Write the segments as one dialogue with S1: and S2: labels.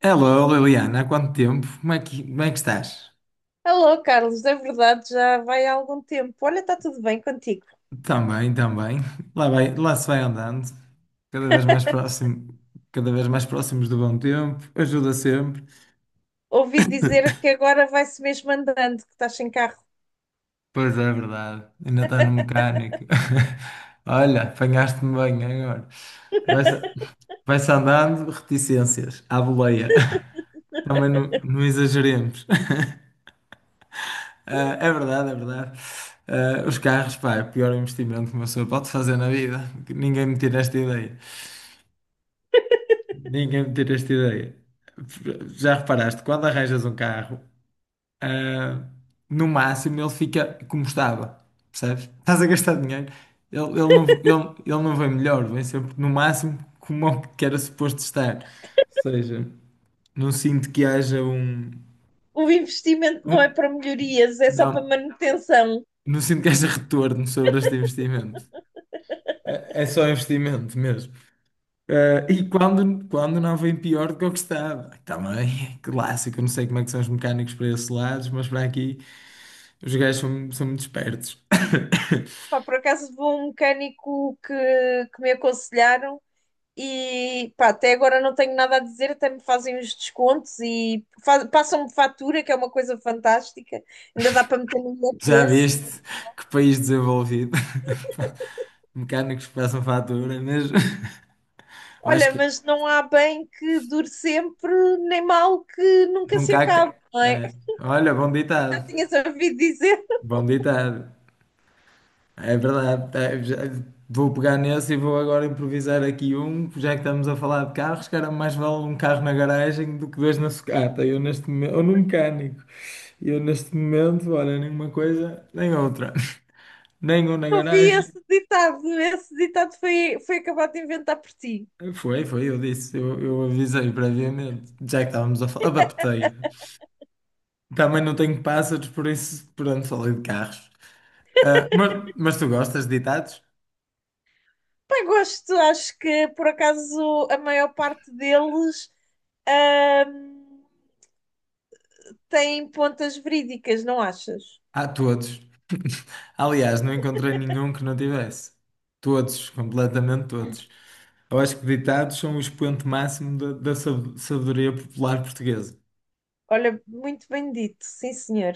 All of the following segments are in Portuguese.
S1: Hello, Liliana, há quanto tempo? Como é que estás?
S2: Alô, Carlos, é verdade, já vai há algum tempo. Olha, está tudo bem contigo.
S1: Também, também. Lá vai, lá se vai andando, cada vez mais próximo, cada vez mais próximos do bom tempo, ajuda sempre.
S2: Ouvi dizer que agora vai-se mesmo andando, que estás sem carro.
S1: Pois é, verdade. Ainda está no mecânico. Olha, apanhaste-me bem agora. Vai-se vai-se andando, reticências, à boleia. Também não exageremos. Ah, é verdade, é verdade. Ah, os carros, pá, é o pior investimento que uma pessoa pode fazer na vida. Ninguém me tira esta ideia. Ninguém me tira esta ideia. Já reparaste, quando arranjas um carro, ah, no máximo ele fica como estava, percebes? Estás a gastar dinheiro, ele não vem melhor, vem sempre no máximo como o que era suposto estar. Ou seja, não sinto que haja
S2: O investimento não é
S1: um-
S2: para melhorias, é só para
S1: não,
S2: manutenção.
S1: não sinto que haja retorno sobre este investimento. É só investimento mesmo. E quando não vem pior do que o que estava. Também clássico, eu não sei como é que são os mecânicos para esses lados, mas para aqui os gajos são muito espertos.
S2: Pá, por acaso vou a um mecânico que me aconselharam e pá, até agora não tenho nada a dizer, até me fazem os descontos e passam-me fatura, que é uma coisa fantástica. Ainda dá para meter no
S1: Já
S2: IRS.
S1: viste que país desenvolvido? Mecânicos que passam fatura mesmo. Eu acho
S2: Olha,
S1: que
S2: mas não há bem que dure sempre, nem mal que nunca se
S1: nunca há.
S2: acabe, não é?
S1: Olha, bom
S2: Eu
S1: ditado.
S2: tinhas ouvido dizer,
S1: Bom ditado. É verdade. Vou pegar nesse e vou agora improvisar aqui um, já que estamos a falar de carros, cara, mais vale um carro na garagem do que dois na sucata. Eu neste momento, ou num mecânico. Eu neste momento, olha, nenhuma coisa, nem outra. Nem um na
S2: ouvi
S1: garagem.
S2: esse ditado, esse ditado foi acabado de inventar por ti.
S1: Foi, foi, eu disse, eu avisei previamente, já que estávamos a falar, adaptei. Também não tenho pássaros, por isso, pronto, falei de carros. Ah, mas tu gostas de ditados?
S2: Bem, gosto, acho que por acaso a maior parte deles ahm, tem pontas verídicas, não achas?
S1: Ah, todos. Aliás, não encontrei nenhum que não tivesse. Todos, completamente todos. Eu acho que ditados são o expoente máximo da sabedoria popular portuguesa.
S2: Olha, muito bem dito, sim senhor.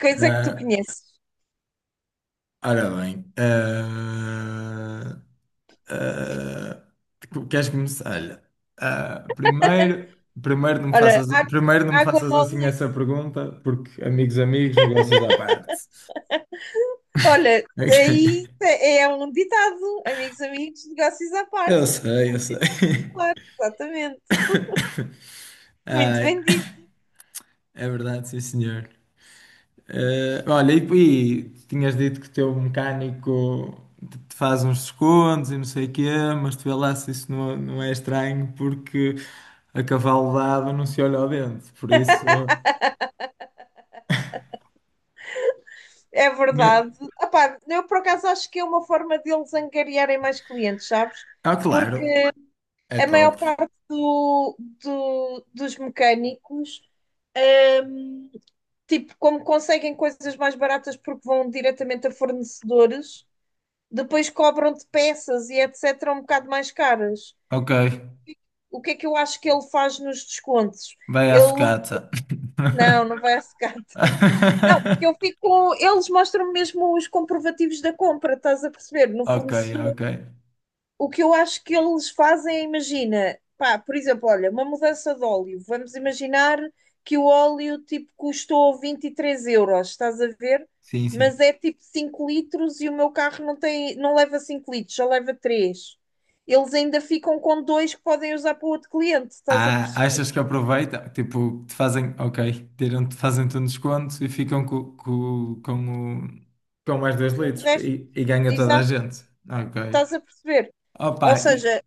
S2: Coisa que tu
S1: Ah,
S2: conheces.
S1: ora bem. ah, Queres começar? Olha, ah, primeiro, primeiro não me
S2: Olha,
S1: faças, primeiro não me
S2: água
S1: faças assim
S2: mole.
S1: essa pergunta, porque amigos, amigos, negócios à parte.
S2: Olha,
S1: Ok.
S2: aí é um ditado, amigos, amigos, negócios à parte.
S1: Eu sei, eu sei.
S2: Ditado, claro, exatamente. Muito
S1: Ah,
S2: bem dito.
S1: é verdade, sim, senhor. Olha, e tinhas dito que o teu mecânico te faz uns descontos e não sei o quê, mas tu vê lá se isso não é estranho, porque a cavalo dado não se olha ao dente. Por isso.
S2: É
S1: Né?
S2: verdade. Epá, eu por acaso acho que é uma forma deles angariarem mais clientes, sabes?
S1: Ah, claro,
S2: Porque
S1: é
S2: a maior
S1: top.
S2: parte dos mecânicos, tipo, como conseguem coisas mais baratas porque vão diretamente a fornecedores, depois cobram-te peças e etc. um bocado mais caras.
S1: Ok,
S2: O que é que eu acho que ele faz nos descontos?
S1: vai à
S2: Ele
S1: sucata.
S2: Não, não vai secar. Não, porque eu fico. Eles mostram mesmo os comprovativos da compra, estás a perceber? No
S1: Ok,
S2: fornecedor.
S1: ok.
S2: O que eu acho que eles fazem, é, imagina, pá, por exemplo, olha, uma mudança de óleo. Vamos imaginar que o óleo tipo custou 23 euros, estás a ver?
S1: Sim,
S2: Mas
S1: sim.
S2: é tipo 5 litros e o meu carro não leva 5 litros, só leva 3. Eles ainda ficam com dois que podem usar para o outro cliente, estás a
S1: Ah,
S2: perceber?
S1: achas que aproveitam? Tipo, te fazem, ok, tiram, te fazem-te um desconto e ficam com, o, com mais dois
S2: O
S1: litros
S2: resto,
S1: e ganha toda a
S2: exato,
S1: gente. Ok.
S2: estás a perceber?
S1: Opa,
S2: Ou
S1: e-
S2: seja,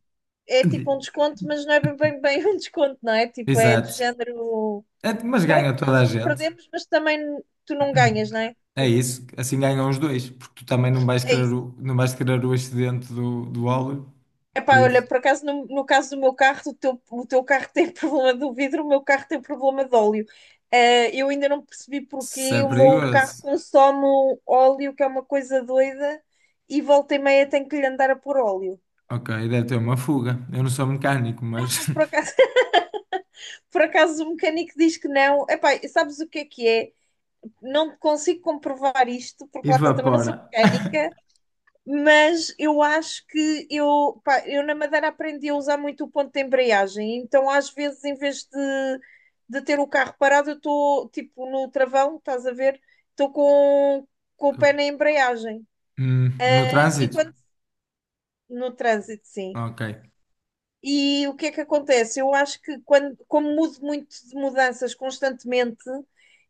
S2: é tipo um desconto, mas não é bem um desconto, não é? Tipo, é do
S1: Exato.
S2: género.
S1: É, mas
S2: Pronto,
S1: ganha toda a
S2: não
S1: gente.
S2: perdemos, mas também tu não ganhas, não é?
S1: É
S2: Tipo,
S1: isso. Assim ganham os dois, porque tu também não vais
S2: é
S1: querer
S2: isso.
S1: o, não vais querer o excedente do, do óleo. Por
S2: Epá, olha,
S1: isso.
S2: por acaso, no caso do meu carro, o teu carro tem problema do vidro, o meu carro tem problema de óleo. Eu ainda não percebi
S1: Se é
S2: porque o meu carro
S1: perigoso.
S2: consome óleo, que é uma coisa doida, e volta e meia tenho que lhe andar a pôr óleo.
S1: Ok, deve ter uma fuga. Eu não sou mecânico, mas
S2: Por acaso, por acaso o mecânico diz que não. Epá, sabes o que é que é? Não consigo comprovar isto, porque lá está, também não sou
S1: evapora.
S2: mecânica, mas eu acho que eu, pá, eu na Madeira aprendi a usar muito o ponto de embreagem, então às vezes em vez de ter o carro parado, eu estou tipo no travão, estás a ver? Estou com o pé na embreagem.
S1: No
S2: E
S1: trânsito.
S2: quando no trânsito, sim.
S1: Ok.
S2: E o que é que acontece? Eu acho que como mudo muito de mudanças constantemente,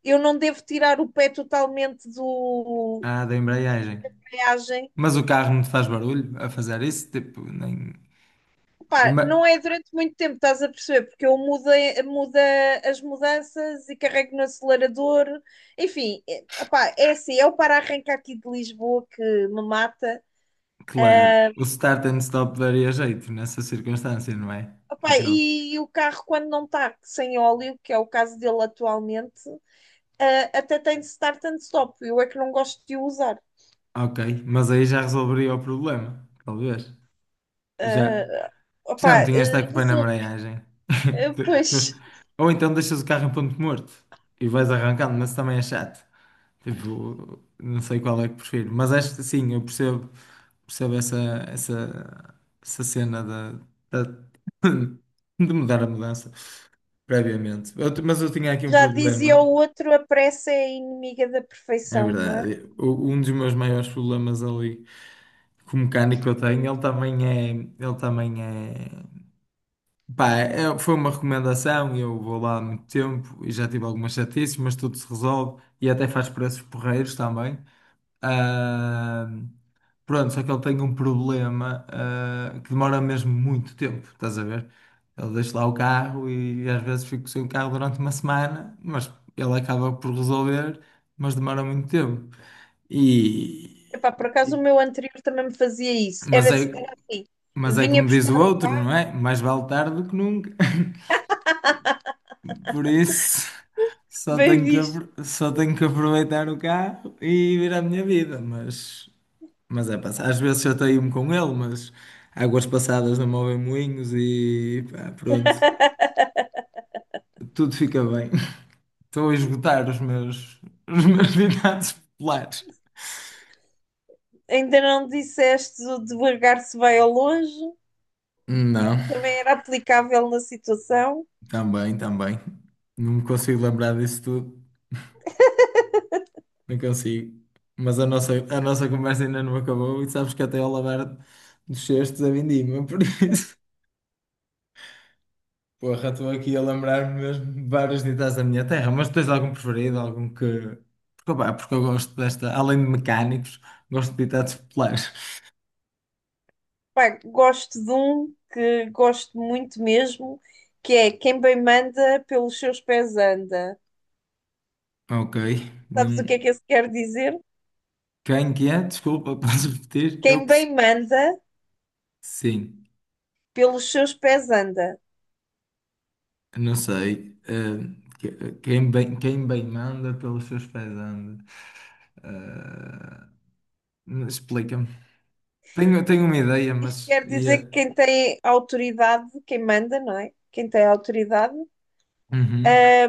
S2: eu não devo tirar o pé totalmente do
S1: Ah, da embreagem.
S2: da embreagem.
S1: Mas o carro não te faz barulho a fazer isso? Tipo, nem.
S2: Pá, não
S1: Ma-
S2: é durante muito tempo, estás a perceber? Porque eu muda as mudanças e carrego no acelerador. Enfim, opá, é assim, é o para-arranca aqui de Lisboa que me mata.
S1: Claro,
S2: Ah,
S1: o start and stop daria jeito nessa circunstância, não é?
S2: Opá,
S1: Aquilo.
S2: e o carro, quando não está sem óleo, que é o caso dele atualmente, até tem de start and stop. Eu é que não gosto de o usar.
S1: Ok, mas aí já resolveria o problema, talvez. Já,
S2: Ah,
S1: já não
S2: Opá,
S1: tinhas de estar com o pé na
S2: resulta.
S1: embreagem.
S2: Pois,
S1: Ou então deixas o carro em ponto morto e vais arrancando, mas também é chato. Tipo, não sei qual é que prefiro, mas acho que sim, eu percebo, percebo essa, essa, essa cena da de mudar a mudança previamente. Mas eu tinha aqui um
S2: já dizia
S1: problema,
S2: o outro, a pressa é inimiga da
S1: é
S2: perfeição, não é?
S1: verdade. Um dos meus maiores problemas ali com o mecânico que eu tenho, pá, foi uma recomendação, e eu vou lá há muito tempo e já tive algumas chatices, mas tudo se resolve e até faz preços porreiros também. Ah, pronto, só que ele tem um problema, que demora mesmo muito tempo, estás a ver? Ele deixa lá o carro e às vezes fico sem o carro durante uma semana, mas ele acaba por resolver, mas demora muito tempo. E...
S2: Epá, por acaso o meu anterior também me fazia isso. Era
S1: Mas
S2: assim,
S1: é,
S2: era assim.
S1: mas é
S2: Vinha
S1: como diz o
S2: buscar o
S1: outro,
S2: carro,
S1: não é? Mais vale tarde do que nunca. Por isso, só
S2: bem
S1: tenho
S2: visto.
S1: só tenho que aproveitar o carro e vir à minha vida, mas é, pá, às vezes chateio-me com ele, mas águas passadas não movem moinhos e pá, pronto, tudo fica bem. Estou a esgotar os meus ditados populares.
S2: Ainda não disseste o devagar se vai ao longe,
S1: Não,
S2: também era aplicável na situação.
S1: também, também. Não me consigo lembrar disso tudo, não consigo. Mas a nossa conversa ainda não acabou e sabes que até ao lavar dos cestos a vindima, por isso. Porra, estou aqui a lembrar-me mesmo de vários ditas da minha terra, mas tens algum preferido? Algum que. Porque, opá, porque eu gosto desta, além de mecânicos, gosto de ditados populares.
S2: Pá, gosto de um que gosto muito mesmo, que é quem bem manda pelos seus pés anda.
S1: Ok.
S2: Sabes o que
S1: Não...
S2: é que isso quer dizer?
S1: Quem que é? Desculpa, podes repetir?
S2: Quem bem manda
S1: Sim,
S2: pelos seus pés anda.
S1: não sei. Quem bem manda pelos seus pés anda. Eh, Explica-me. Tenho, tenho uma ideia,
S2: Isto
S1: mas
S2: quer dizer que
S1: ia.
S2: quem tem autoridade, quem manda, não é? Quem tem autoridade,
S1: Uhum.
S2: ah,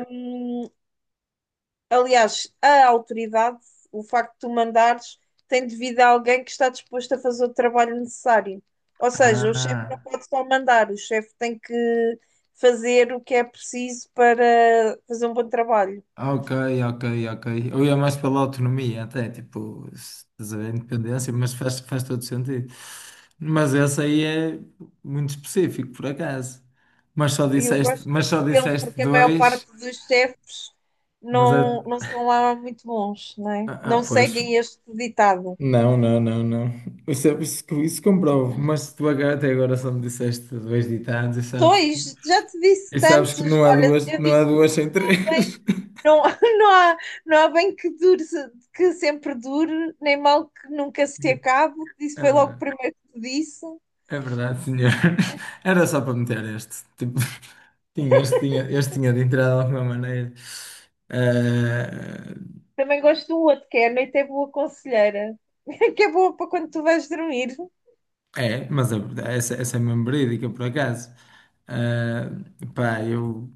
S2: aliás, a autoridade, o facto de tu mandares, tem devido a alguém que está disposto a fazer o trabalho necessário. Ou seja, o chefe não
S1: Ah.
S2: pode só mandar, o chefe tem que fazer o que é preciso para fazer um bom trabalho.
S1: Ah, ok, ok, ok. Eu ia mais pela autonomia, até, tipo, se estás a ver, independência, mas faz todo sentido. Mas essa aí é muito específico, por acaso. Mas só
S2: Eu
S1: disseste,
S2: gosto
S1: mas
S2: muito
S1: só
S2: dele
S1: disseste
S2: porque a maior
S1: dois,
S2: parte dos chefes
S1: mas a,
S2: não são lá muito bons, não é?
S1: ah, ah,
S2: Não
S1: pois,
S2: seguem este ditado.
S1: Não, não, não, não. Isso, isso comprovo. Até agora só me disseste dois ditados
S2: Dois, já te disse
S1: e sabes que
S2: tantos. Olha, eu
S1: não há
S2: disse
S1: duas sem
S2: bem.
S1: três.
S2: Não, não há, não há bem que dure, que sempre dure, nem mal que nunca se acabe. Isso
S1: É
S2: foi logo o
S1: verdade.
S2: primeiro que te disse.
S1: É verdade, senhor. Era só para meter este. Tipo, tinha, este tinha de entrar de alguma maneira. Eh,
S2: Também gosto do outro, que é a noite é boa conselheira, que é boa para quando tu vais dormir.
S1: é, essa, essa é mesmo verídica, por acaso. Eh, pá, eu,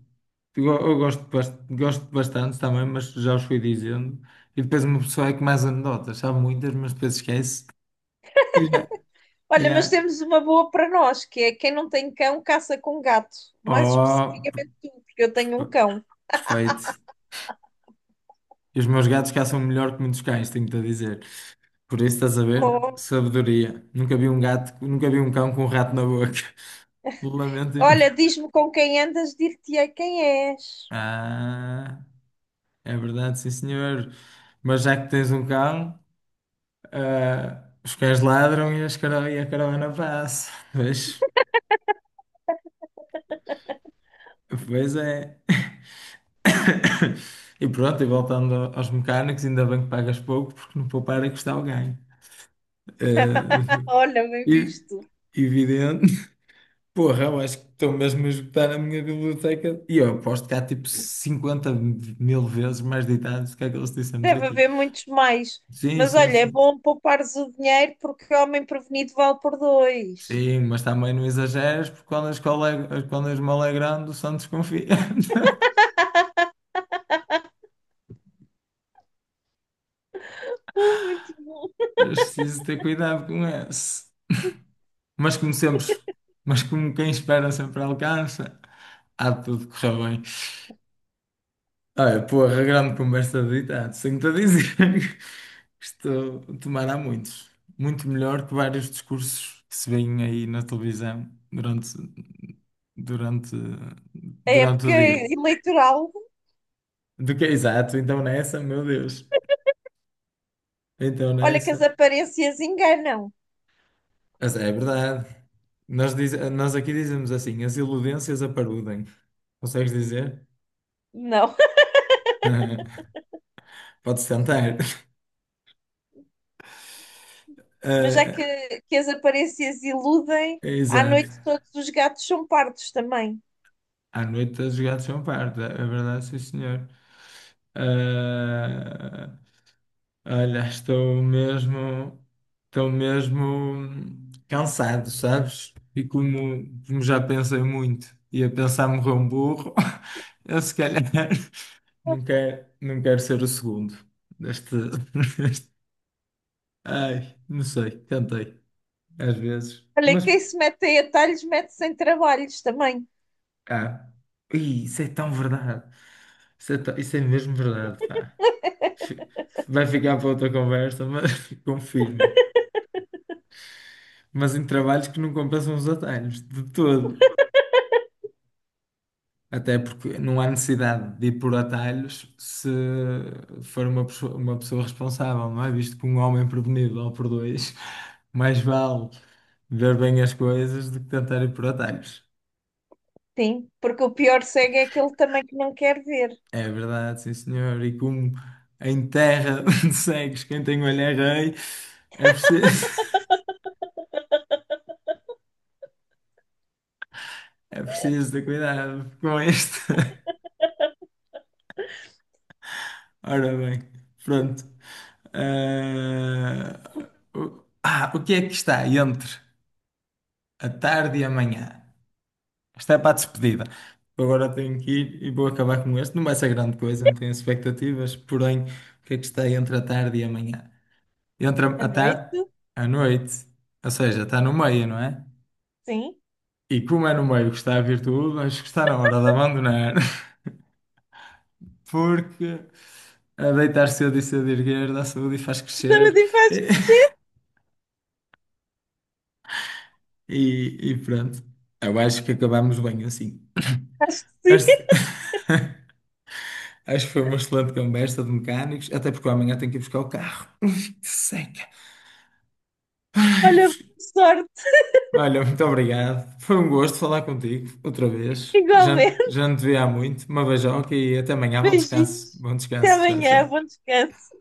S1: eu, eu gosto, gosto bastante também, mas já os fui dizendo. E depois uma pessoa é que mais anedotas, sabe muitas, mas depois esquece. E já,
S2: Olha, mas
S1: já.
S2: temos uma boa para nós, que é quem não tem cão, caça com gato. Mais
S1: Oh,
S2: especificamente tu, porque eu tenho
S1: perfe-
S2: um cão.
S1: perfeito. E os meus gatos caçam melhor que muitos cães, tenho-te a dizer. Por isso estás a ver?
S2: Oh,
S1: Sabedoria. Nunca vi um gato, nunca vi um cão com um rato na boca. Lamento.
S2: olha, diz-me com quem andas, dir-te-ei quem és.
S1: Ah, é verdade, sim senhor. Mas já que tens um cão, ah, os cães ladram e a caravana passa. Pois, pois é. E pronto, e voltando aos mecânicos, ainda bem que pagas pouco, porque não poupar é custar o ganho. Ah,
S2: Olha, bem
S1: e-
S2: visto.
S1: evidente. Porra, eu acho que estou mesmo a esgotar a minha biblioteca. E eu aposto que há tipo 50 mil vezes mais ditados do que aqueles que dissemos
S2: Deve
S1: aqui.
S2: haver muitos mais.
S1: Sim,
S2: Mas
S1: sim,
S2: olha, é
S1: sim.
S2: bom poupares o dinheiro porque homem prevenido vale por dois.
S1: Sim, mas também não exageres, porque quando a esmola é grande, o santo desconfia.
S2: Muito bom.
S1: Eu preciso ter cuidado com esse. Mas como sempre, mas como quem espera sempre alcança, há de tudo correr bem. Olha, porra, grande conversa de ditado, tenho te a dizer. Estou a tomar há muitos. Muito melhor que vários discursos que se veem aí na televisão durante,
S2: A
S1: durante
S2: época
S1: o dia.
S2: eleitoral,
S1: Do que é exato, então nessa, meu Deus. Então
S2: olha que as
S1: nessa.
S2: aparências enganam.
S1: Mas é verdade. Nós aqui dizemos assim: as iludências aparudem. Consegues dizer?
S2: Não.
S1: Podes tentar.
S2: Mas já
S1: Eh,
S2: que as aparências iludem,
S1: é
S2: à
S1: exato.
S2: noite todos os gatos são pardos também.
S1: À noite a jogar de champanhe, é verdade, sim senhor. Ah, olha, estou mesmo cansado, sabes? E como já pensei muito e a pensar morrer um burro, eu se calhar não quero ser o segundo deste, deste- Ai, não sei, cantei às vezes.
S2: Olha,
S1: Mas,
S2: quem se mete aí a talhos mete-se em trabalhos também,
S1: ah, ih, isso é tão verdade. Isso é mesmo verdade, pá. Fi- Vai ficar para outra conversa, mas confirmo. Mas em trabalhos que não compensam os atalhos, de todo. Até porque não há necessidade de ir por atalhos se for uma pessoa responsável, não é? Visto que um homem prevenido ou por dois, mais vale ver bem as coisas do que tentar ir por atalhos.
S2: sim, porque o pior cego é aquele também que não quer ver.
S1: É verdade, sim senhor. E como em terra de cegos, quem tem olho é rei, é preciso, é preciso ter cuidado com isto. Ora bem, pronto. Ah, o que é que está entre a tarde e a manhã? Esta é para a despedida. Agora tenho que ir e vou acabar com este. Não vai ser grande coisa, não tenho expectativas. Porém, o que é que está entre a tarde e a manhã? Entre
S2: A
S1: a tarde,
S2: noite,
S1: A noite. Ou seja, está no meio, não é?
S2: sim.
S1: E como é no meio que está a virtude, tudo, acho que está na hora de abandonar. Porque a deitar cedo e cedo erguer dá saúde e faz crescer.
S2: Saúde e faz crescer,
S1: E pronto, eu acho que acabámos bem assim.
S2: acho que sim.
S1: Acho, acho que foi uma excelente conversa de mecânicos, até porque eu amanhã tenho que ir buscar o carro. Ui, que seca. Ai,
S2: Olha, boa sorte,
S1: olha, muito obrigado. Foi um gosto falar contigo outra vez. Já,
S2: igualmente.
S1: já não te vi há muito. Uma beijoca e até amanhã. Bom descanso.
S2: Beijinhos.
S1: Bom
S2: Até
S1: descanso. Tchau,
S2: amanhã. Bom
S1: tchau.
S2: descanso.